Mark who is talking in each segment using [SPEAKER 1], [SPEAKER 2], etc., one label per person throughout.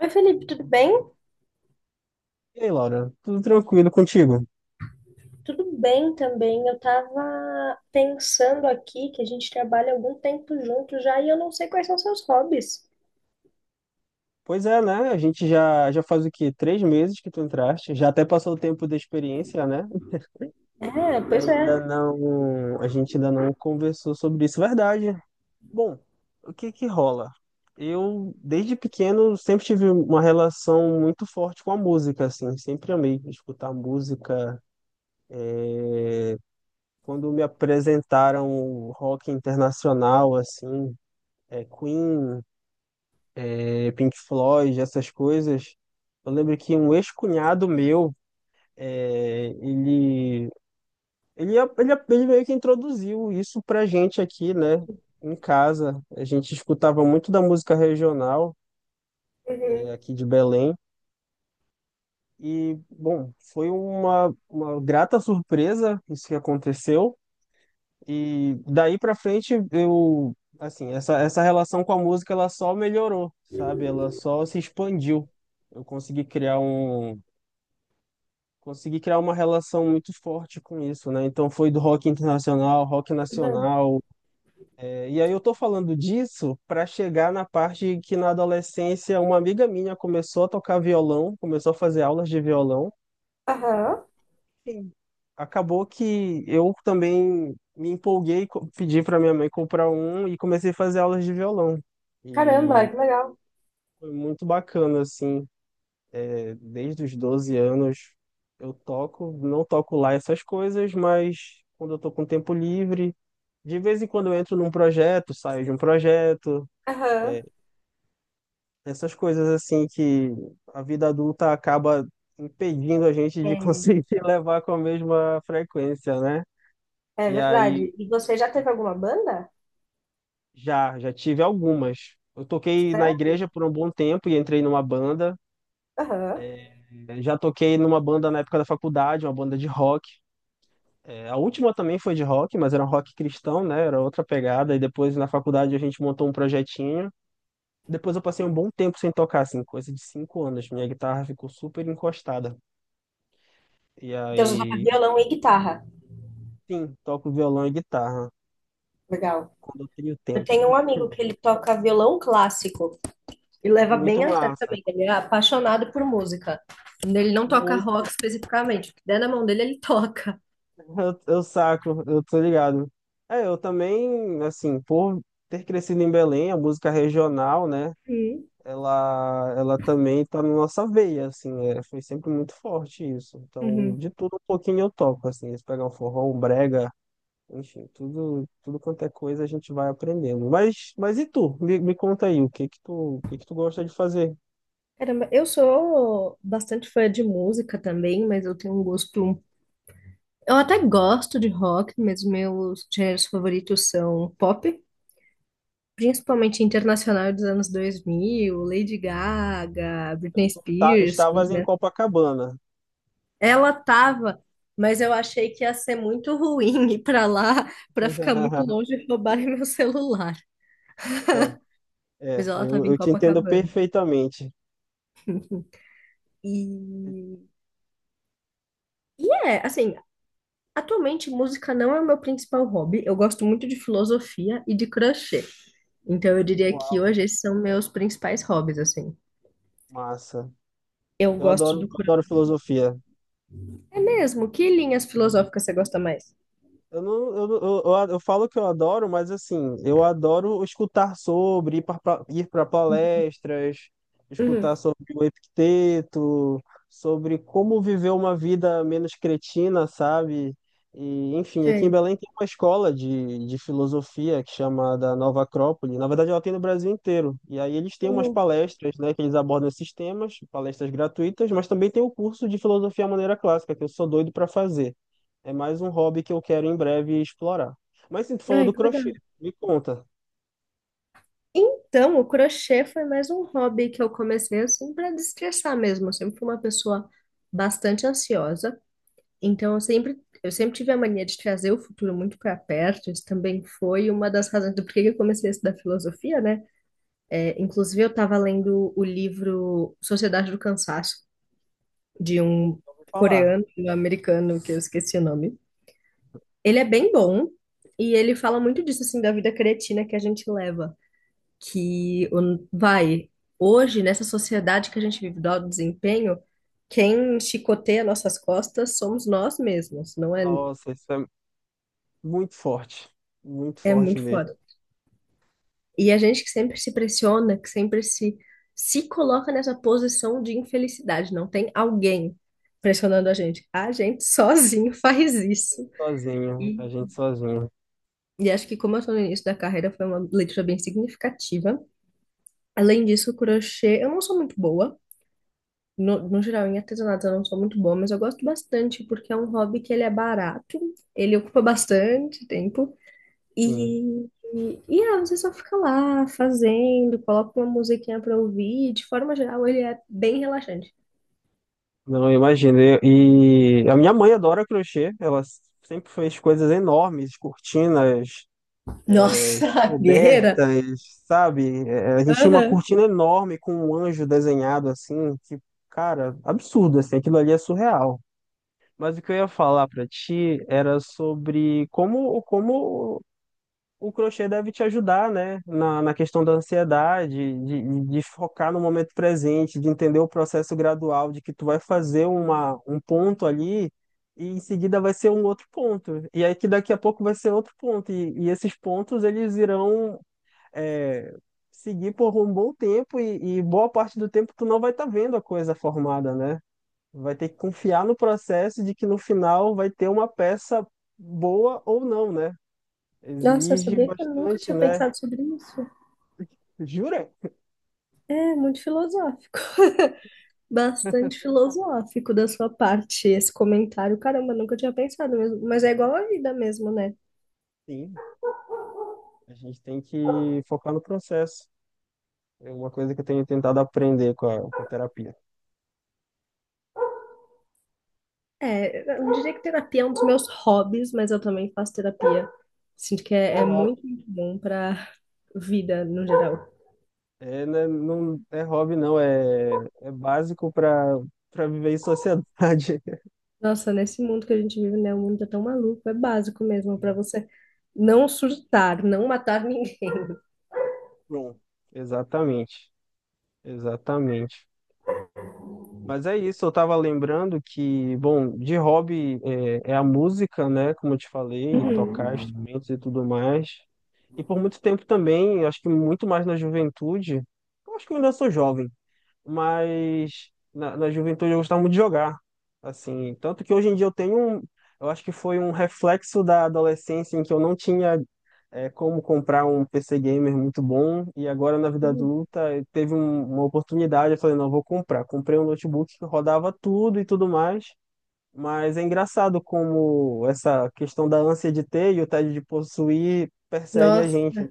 [SPEAKER 1] Oi, Felipe, tudo bem?
[SPEAKER 2] E aí, Laura, tudo tranquilo contigo?
[SPEAKER 1] Tudo bem também. Eu tava pensando aqui que a gente trabalha algum tempo junto já e eu não sei quais são seus hobbies.
[SPEAKER 2] Pois é, né? A gente já faz o quê? Três meses que tu entraste, já até passou o tempo da experiência, né?
[SPEAKER 1] É, pois é.
[SPEAKER 2] Ainda não, a gente ainda não conversou sobre isso, verdade. Bom, o que que rola? Eu, desde pequeno, sempre tive uma relação muito forte com a música, assim, sempre amei escutar música. Quando me apresentaram o rock internacional, assim, Queen, Pink Floyd, essas coisas. Eu lembro que um ex-cunhado meu, é, ele, ele meio que introduziu isso pra gente aqui, né? Em casa. A gente escutava muito da música regional,
[SPEAKER 1] Uhum.
[SPEAKER 2] aqui de Belém. E, bom, foi uma grata surpresa isso que aconteceu. E daí pra frente eu, assim, essa relação com a música ela só melhorou, sabe? Ela só se expandiu. Eu consegui criar uma relação muito forte com isso, né? Então foi do rock internacional, rock
[SPEAKER 1] Uhum.
[SPEAKER 2] nacional. E aí eu tô falando disso para chegar na parte que na adolescência uma amiga minha começou a tocar violão, começou a fazer aulas de violão.
[SPEAKER 1] Aham.
[SPEAKER 2] Sim. Acabou que eu também me empolguei, pedi para minha mãe comprar um e comecei a fazer aulas de violão.
[SPEAKER 1] Caramba,
[SPEAKER 2] E
[SPEAKER 1] que legal.
[SPEAKER 2] foi muito bacana, assim. Desde os 12 anos eu toco, não toco lá essas coisas, mas quando eu tô com tempo livre, de vez em quando eu entro num projeto, saio de um projeto, é,
[SPEAKER 1] Aham.
[SPEAKER 2] essas coisas assim que a vida adulta acaba impedindo a gente de
[SPEAKER 1] É,
[SPEAKER 2] conseguir levar com a mesma frequência, né?
[SPEAKER 1] É
[SPEAKER 2] E aí
[SPEAKER 1] verdade. E você já teve alguma banda?
[SPEAKER 2] já tive algumas. Eu toquei na igreja
[SPEAKER 1] Sério?
[SPEAKER 2] por um bom tempo e entrei numa banda.
[SPEAKER 1] Aham.
[SPEAKER 2] é, já toquei numa banda na época da faculdade, uma banda de rock. A última também foi de rock, mas era um rock cristão, né? Era outra pegada. E depois na faculdade a gente montou um projetinho. Depois eu passei um bom tempo sem tocar, assim, coisa de 5 anos. Minha guitarra ficou super encostada. E
[SPEAKER 1] Então você toca
[SPEAKER 2] aí,
[SPEAKER 1] violão e guitarra.
[SPEAKER 2] sim, toco violão e guitarra
[SPEAKER 1] Legal.
[SPEAKER 2] quando eu tenho
[SPEAKER 1] Eu
[SPEAKER 2] tempo.
[SPEAKER 1] tenho um amigo que ele toca violão clássico. E leva
[SPEAKER 2] Muito
[SPEAKER 1] bem a sério
[SPEAKER 2] massa.
[SPEAKER 1] também. Ele é apaixonado por música. Ele não toca rock
[SPEAKER 2] Muito.
[SPEAKER 1] especificamente. O que der na mão dele, ele toca.
[SPEAKER 2] Eu saco, eu tô ligado. Eu também, assim, por ter crescido em Belém, a música regional, né?
[SPEAKER 1] Uhum,
[SPEAKER 2] Ela também tá na nossa veia, assim, foi sempre muito forte isso. Então,
[SPEAKER 1] uhum.
[SPEAKER 2] de tudo um pouquinho eu toco, assim, se pegar um forró, um brega, enfim, tudo quanto é coisa a gente vai aprendendo. Mas e tu? Me conta aí, o que que tu gosta de fazer?
[SPEAKER 1] Caramba, eu sou bastante fã de música também, mas eu tenho um gosto. Eu até gosto de rock, mas meus gêneros favoritos são pop, principalmente internacional dos anos 2000, Lady Gaga,
[SPEAKER 2] Então,
[SPEAKER 1] Britney
[SPEAKER 2] tu
[SPEAKER 1] Spears, são os.
[SPEAKER 2] estavas em Copacabana.
[SPEAKER 1] Ela tava, mas eu achei que ia ser muito ruim ir pra lá, pra ficar muito longe e roubarem meu celular.
[SPEAKER 2] É, é,
[SPEAKER 1] Mas ela tava
[SPEAKER 2] eu,
[SPEAKER 1] em
[SPEAKER 2] eu te entendo
[SPEAKER 1] Copacabana.
[SPEAKER 2] perfeitamente.
[SPEAKER 1] E, e é, assim, atualmente música não é o meu principal hobby. Eu gosto muito de filosofia e de crochê. Então eu diria que
[SPEAKER 2] Uau,
[SPEAKER 1] hoje esses são meus principais hobbies, assim.
[SPEAKER 2] massa.
[SPEAKER 1] Eu
[SPEAKER 2] Eu
[SPEAKER 1] gosto
[SPEAKER 2] adoro,
[SPEAKER 1] do crochê.
[SPEAKER 2] adoro filosofia.
[SPEAKER 1] É mesmo? Que linhas filosóficas você gosta mais?
[SPEAKER 2] Eu, não, eu, não- eu falo que eu adoro, mas assim, eu adoro escutar sobre, ir para palestras,
[SPEAKER 1] Uhum,
[SPEAKER 2] escutar sobre o Epicteto, sobre como viver uma vida menos cretina, sabe? E, enfim, aqui em
[SPEAKER 1] sei.
[SPEAKER 2] Belém tem uma escola de filosofia que chama da Nova Acrópole. Na verdade, ela tem no Brasil inteiro. E aí eles têm umas
[SPEAKER 1] Uhum.
[SPEAKER 2] palestras, né, que eles abordam esses temas, palestras gratuitas, mas também tem o curso de filosofia à maneira clássica, que eu sou doido para fazer. É mais um hobby que eu quero em breve explorar. Mas sim, tu falou
[SPEAKER 1] Ai,
[SPEAKER 2] do
[SPEAKER 1] que
[SPEAKER 2] crochê.
[SPEAKER 1] legal.
[SPEAKER 2] Me conta.
[SPEAKER 1] Então, o crochê foi mais um hobby que eu comecei assim para destressar mesmo. Eu sempre fui uma pessoa bastante ansiosa, então eu sempre tive a mania de trazer o futuro muito para perto. Isso também foi uma das razões do porquê que eu comecei a estudar filosofia, né? É, inclusive eu estava lendo o livro Sociedade do Cansaço de um
[SPEAKER 2] Vou falar.
[SPEAKER 1] coreano, um americano que eu esqueci o nome. Ele é bem bom e ele fala muito disso assim da vida cretina que a gente leva. Que o- vai, hoje, nessa sociedade que a gente vive do alto desempenho, quem chicoteia nossas costas somos nós mesmos, não é,
[SPEAKER 2] Nossa, isso é muito forte. Muito
[SPEAKER 1] é
[SPEAKER 2] forte
[SPEAKER 1] muito
[SPEAKER 2] mesmo.
[SPEAKER 1] foda. E a gente que sempre se pressiona, que sempre se, se coloca nessa posição de infelicidade, não tem alguém pressionando a gente. A gente sozinho faz isso.
[SPEAKER 2] Sozinho,
[SPEAKER 1] E,
[SPEAKER 2] a gente sozinho.
[SPEAKER 1] e acho que como eu tô no início da carreira, foi uma leitura bem significativa. Além disso, o crochê, eu não sou muito boa. No geral, em artesanato eu não sou muito boa, mas eu gosto bastante porque é um hobby que ele é barato, ele ocupa bastante tempo
[SPEAKER 2] Sim.
[SPEAKER 1] e, e ah, você só fica lá fazendo, coloca uma musiquinha pra ouvir. De forma geral, ele é bem relaxante.
[SPEAKER 2] Não, eu imagino. E a minha mãe adora crochê. Ela sempre fez coisas enormes, cortinas,
[SPEAKER 1] Nossa, guerreira!
[SPEAKER 2] cobertas, sabe? A gente tinha uma
[SPEAKER 1] Aham.
[SPEAKER 2] cortina enorme com um anjo desenhado assim, tipo, cara, absurdo, assim. Aquilo ali é surreal. Mas o que eu ia falar para ti era sobre como o crochê deve te ajudar, né? Na questão da ansiedade, de focar no momento presente, de entender o processo gradual, de que tu vai fazer um ponto ali e em seguida vai ser um outro ponto. E aí que daqui a pouco vai ser outro ponto. E esses pontos, eles irão... é, seguir por um bom tempo e boa parte do tempo tu não vai estar vendo a coisa formada, né? Vai ter que confiar no processo de que no final vai ter uma peça boa ou não, né?
[SPEAKER 1] Nossa, eu
[SPEAKER 2] Exige
[SPEAKER 1] sabia que eu nunca
[SPEAKER 2] bastante,
[SPEAKER 1] tinha
[SPEAKER 2] né?
[SPEAKER 1] pensado sobre isso.
[SPEAKER 2] Jura?
[SPEAKER 1] É muito filosófico. Bastante filosófico da sua parte esse comentário. Caramba, eu nunca tinha pensado mesmo. Mas é igual a vida mesmo, né?
[SPEAKER 2] Sim. A gente tem que focar no processo. É uma coisa que eu tenho tentado aprender com a terapia.
[SPEAKER 1] É, eu não diria que terapia é um dos meus hobbies, mas eu também faço terapia. Sinto que
[SPEAKER 2] Não
[SPEAKER 1] é,
[SPEAKER 2] é
[SPEAKER 1] é
[SPEAKER 2] hobby,
[SPEAKER 1] muito, muito bom para vida no geral.
[SPEAKER 2] é, né, não é hobby, não. É básico para viver em sociedade.
[SPEAKER 1] Nossa, nesse mundo que a gente vive, né? O mundo tá tão maluco, é básico mesmo para você não surtar, não matar ninguém.
[SPEAKER 2] Bom, exatamente. Exatamente. Mas é isso, eu tava lembrando que, bom, de hobby é a música, né? Como eu te falei, tocar
[SPEAKER 1] Uhum,
[SPEAKER 2] instrumentos e tudo mais. E por muito tempo também, acho que muito mais na juventude, eu acho que eu ainda sou jovem, mas na juventude eu gostava muito de jogar, assim, tanto que hoje em dia eu acho que foi um reflexo da adolescência em que eu não tinha como comprar um PC gamer muito bom e agora na vida
[SPEAKER 1] uhum.
[SPEAKER 2] adulta teve uma oportunidade, eu falei, não, eu vou comprar. Comprei um notebook que rodava tudo e tudo mais, mas é engraçado como essa questão da ânsia de ter e o tédio de possuir persegue a
[SPEAKER 1] Nossa.
[SPEAKER 2] gente,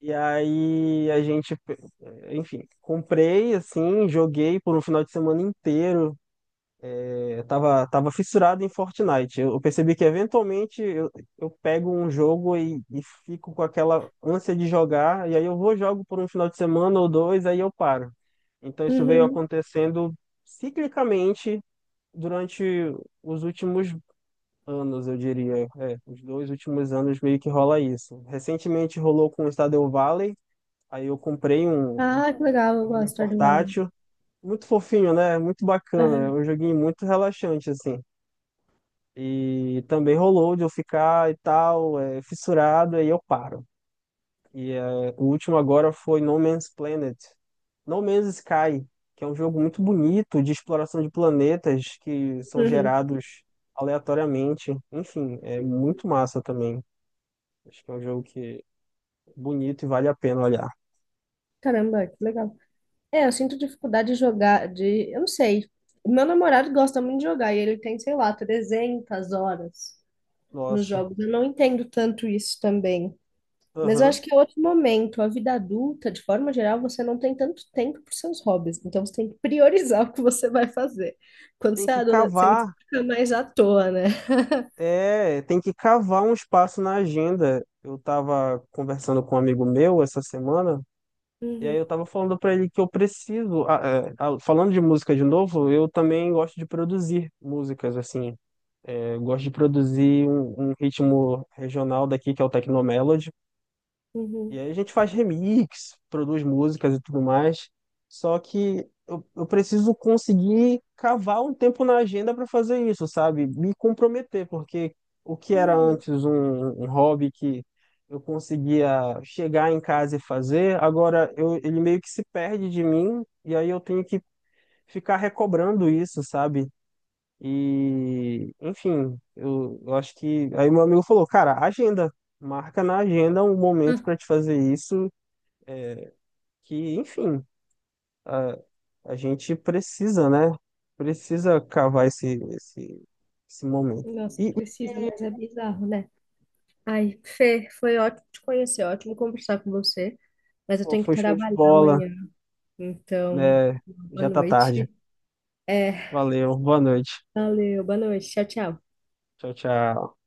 [SPEAKER 2] e aí a gente, enfim, comprei assim, joguei por um final de semana inteiro. Eu tava fissurado em Fortnite. Eu percebi que eventualmente eu pego um jogo e fico com aquela ânsia de jogar, e aí eu vou jogo por um final de semana ou dois, aí eu paro. Então isso veio
[SPEAKER 1] Uhum.
[SPEAKER 2] acontecendo ciclicamente durante os últimos anos, eu diria. Os dois últimos anos meio que rola isso. Recentemente rolou com o Stardew Valley. Aí eu comprei um
[SPEAKER 1] Ah, que legal, eu gosto de
[SPEAKER 2] joguinho
[SPEAKER 1] Stardew Valley.
[SPEAKER 2] portátil, muito fofinho, né? Muito bacana, é
[SPEAKER 1] Uhum.
[SPEAKER 2] um joguinho muito relaxante, assim. E também rolou de eu ficar e tal, fissurado, aí eu paro. E o último agora foi No Man's Planet. No Man's Sky, que é um jogo muito bonito de exploração de planetas que são
[SPEAKER 1] Uhum.
[SPEAKER 2] gerados aleatoriamente. Enfim, é muito massa também. Acho que é um jogo que é bonito e vale a pena olhar.
[SPEAKER 1] Caramba, que legal. É, eu sinto dificuldade de jogar, de, eu não sei. O meu namorado gosta muito de jogar e ele tem, sei lá, 300 horas nos
[SPEAKER 2] Nossa.
[SPEAKER 1] jogos. Eu não entendo tanto isso também. Mas eu
[SPEAKER 2] Aham.
[SPEAKER 1] acho que é outro momento. A vida adulta, de forma geral, você não tem tanto tempo para seus hobbies. Então você tem que priorizar o que você vai fazer. Quando
[SPEAKER 2] Tem
[SPEAKER 1] você é
[SPEAKER 2] que
[SPEAKER 1] adolescente, você
[SPEAKER 2] cavar
[SPEAKER 1] fica mais à toa, né?
[SPEAKER 2] tem que cavar um espaço na agenda. Eu estava conversando com um amigo meu essa semana, e aí
[SPEAKER 1] Uhum,
[SPEAKER 2] eu estava falando para ele que eu preciso. Falando de música de novo, eu também gosto de produzir músicas, assim. Eu gosto de produzir um ritmo regional daqui, que é o Tecnomelody. E
[SPEAKER 1] uhum,
[SPEAKER 2] aí a gente faz remix, produz músicas e tudo mais. Só que eu preciso conseguir cavar um tempo na agenda para fazer isso, sabe? Me comprometer, porque o que era
[SPEAKER 1] uhum.
[SPEAKER 2] antes um hobby que eu conseguia chegar em casa e fazer, agora ele meio que se perde de mim, e aí eu tenho que ficar recobrando isso, sabe? E, enfim, eu acho que. Aí meu amigo falou, cara, agenda marca na agenda um momento
[SPEAKER 1] Ah,
[SPEAKER 2] para te fazer isso é, que, enfim, a, a gente precisa, né? Precisa cavar esse momento.
[SPEAKER 1] nossa,
[SPEAKER 2] E,
[SPEAKER 1] precisa,
[SPEAKER 2] e,
[SPEAKER 1] mas é bizarro, né? Ai, Fê, foi ótimo te conhecer, ótimo conversar com você, mas eu
[SPEAKER 2] pô,
[SPEAKER 1] tenho que
[SPEAKER 2] foi show de
[SPEAKER 1] trabalhar
[SPEAKER 2] bola,
[SPEAKER 1] amanhã, então,
[SPEAKER 2] né?
[SPEAKER 1] boa
[SPEAKER 2] Já tá tarde.
[SPEAKER 1] noite. É,
[SPEAKER 2] Valeu, boa noite.
[SPEAKER 1] valeu, boa noite, tchau, tchau.
[SPEAKER 2] Tchau, tchau.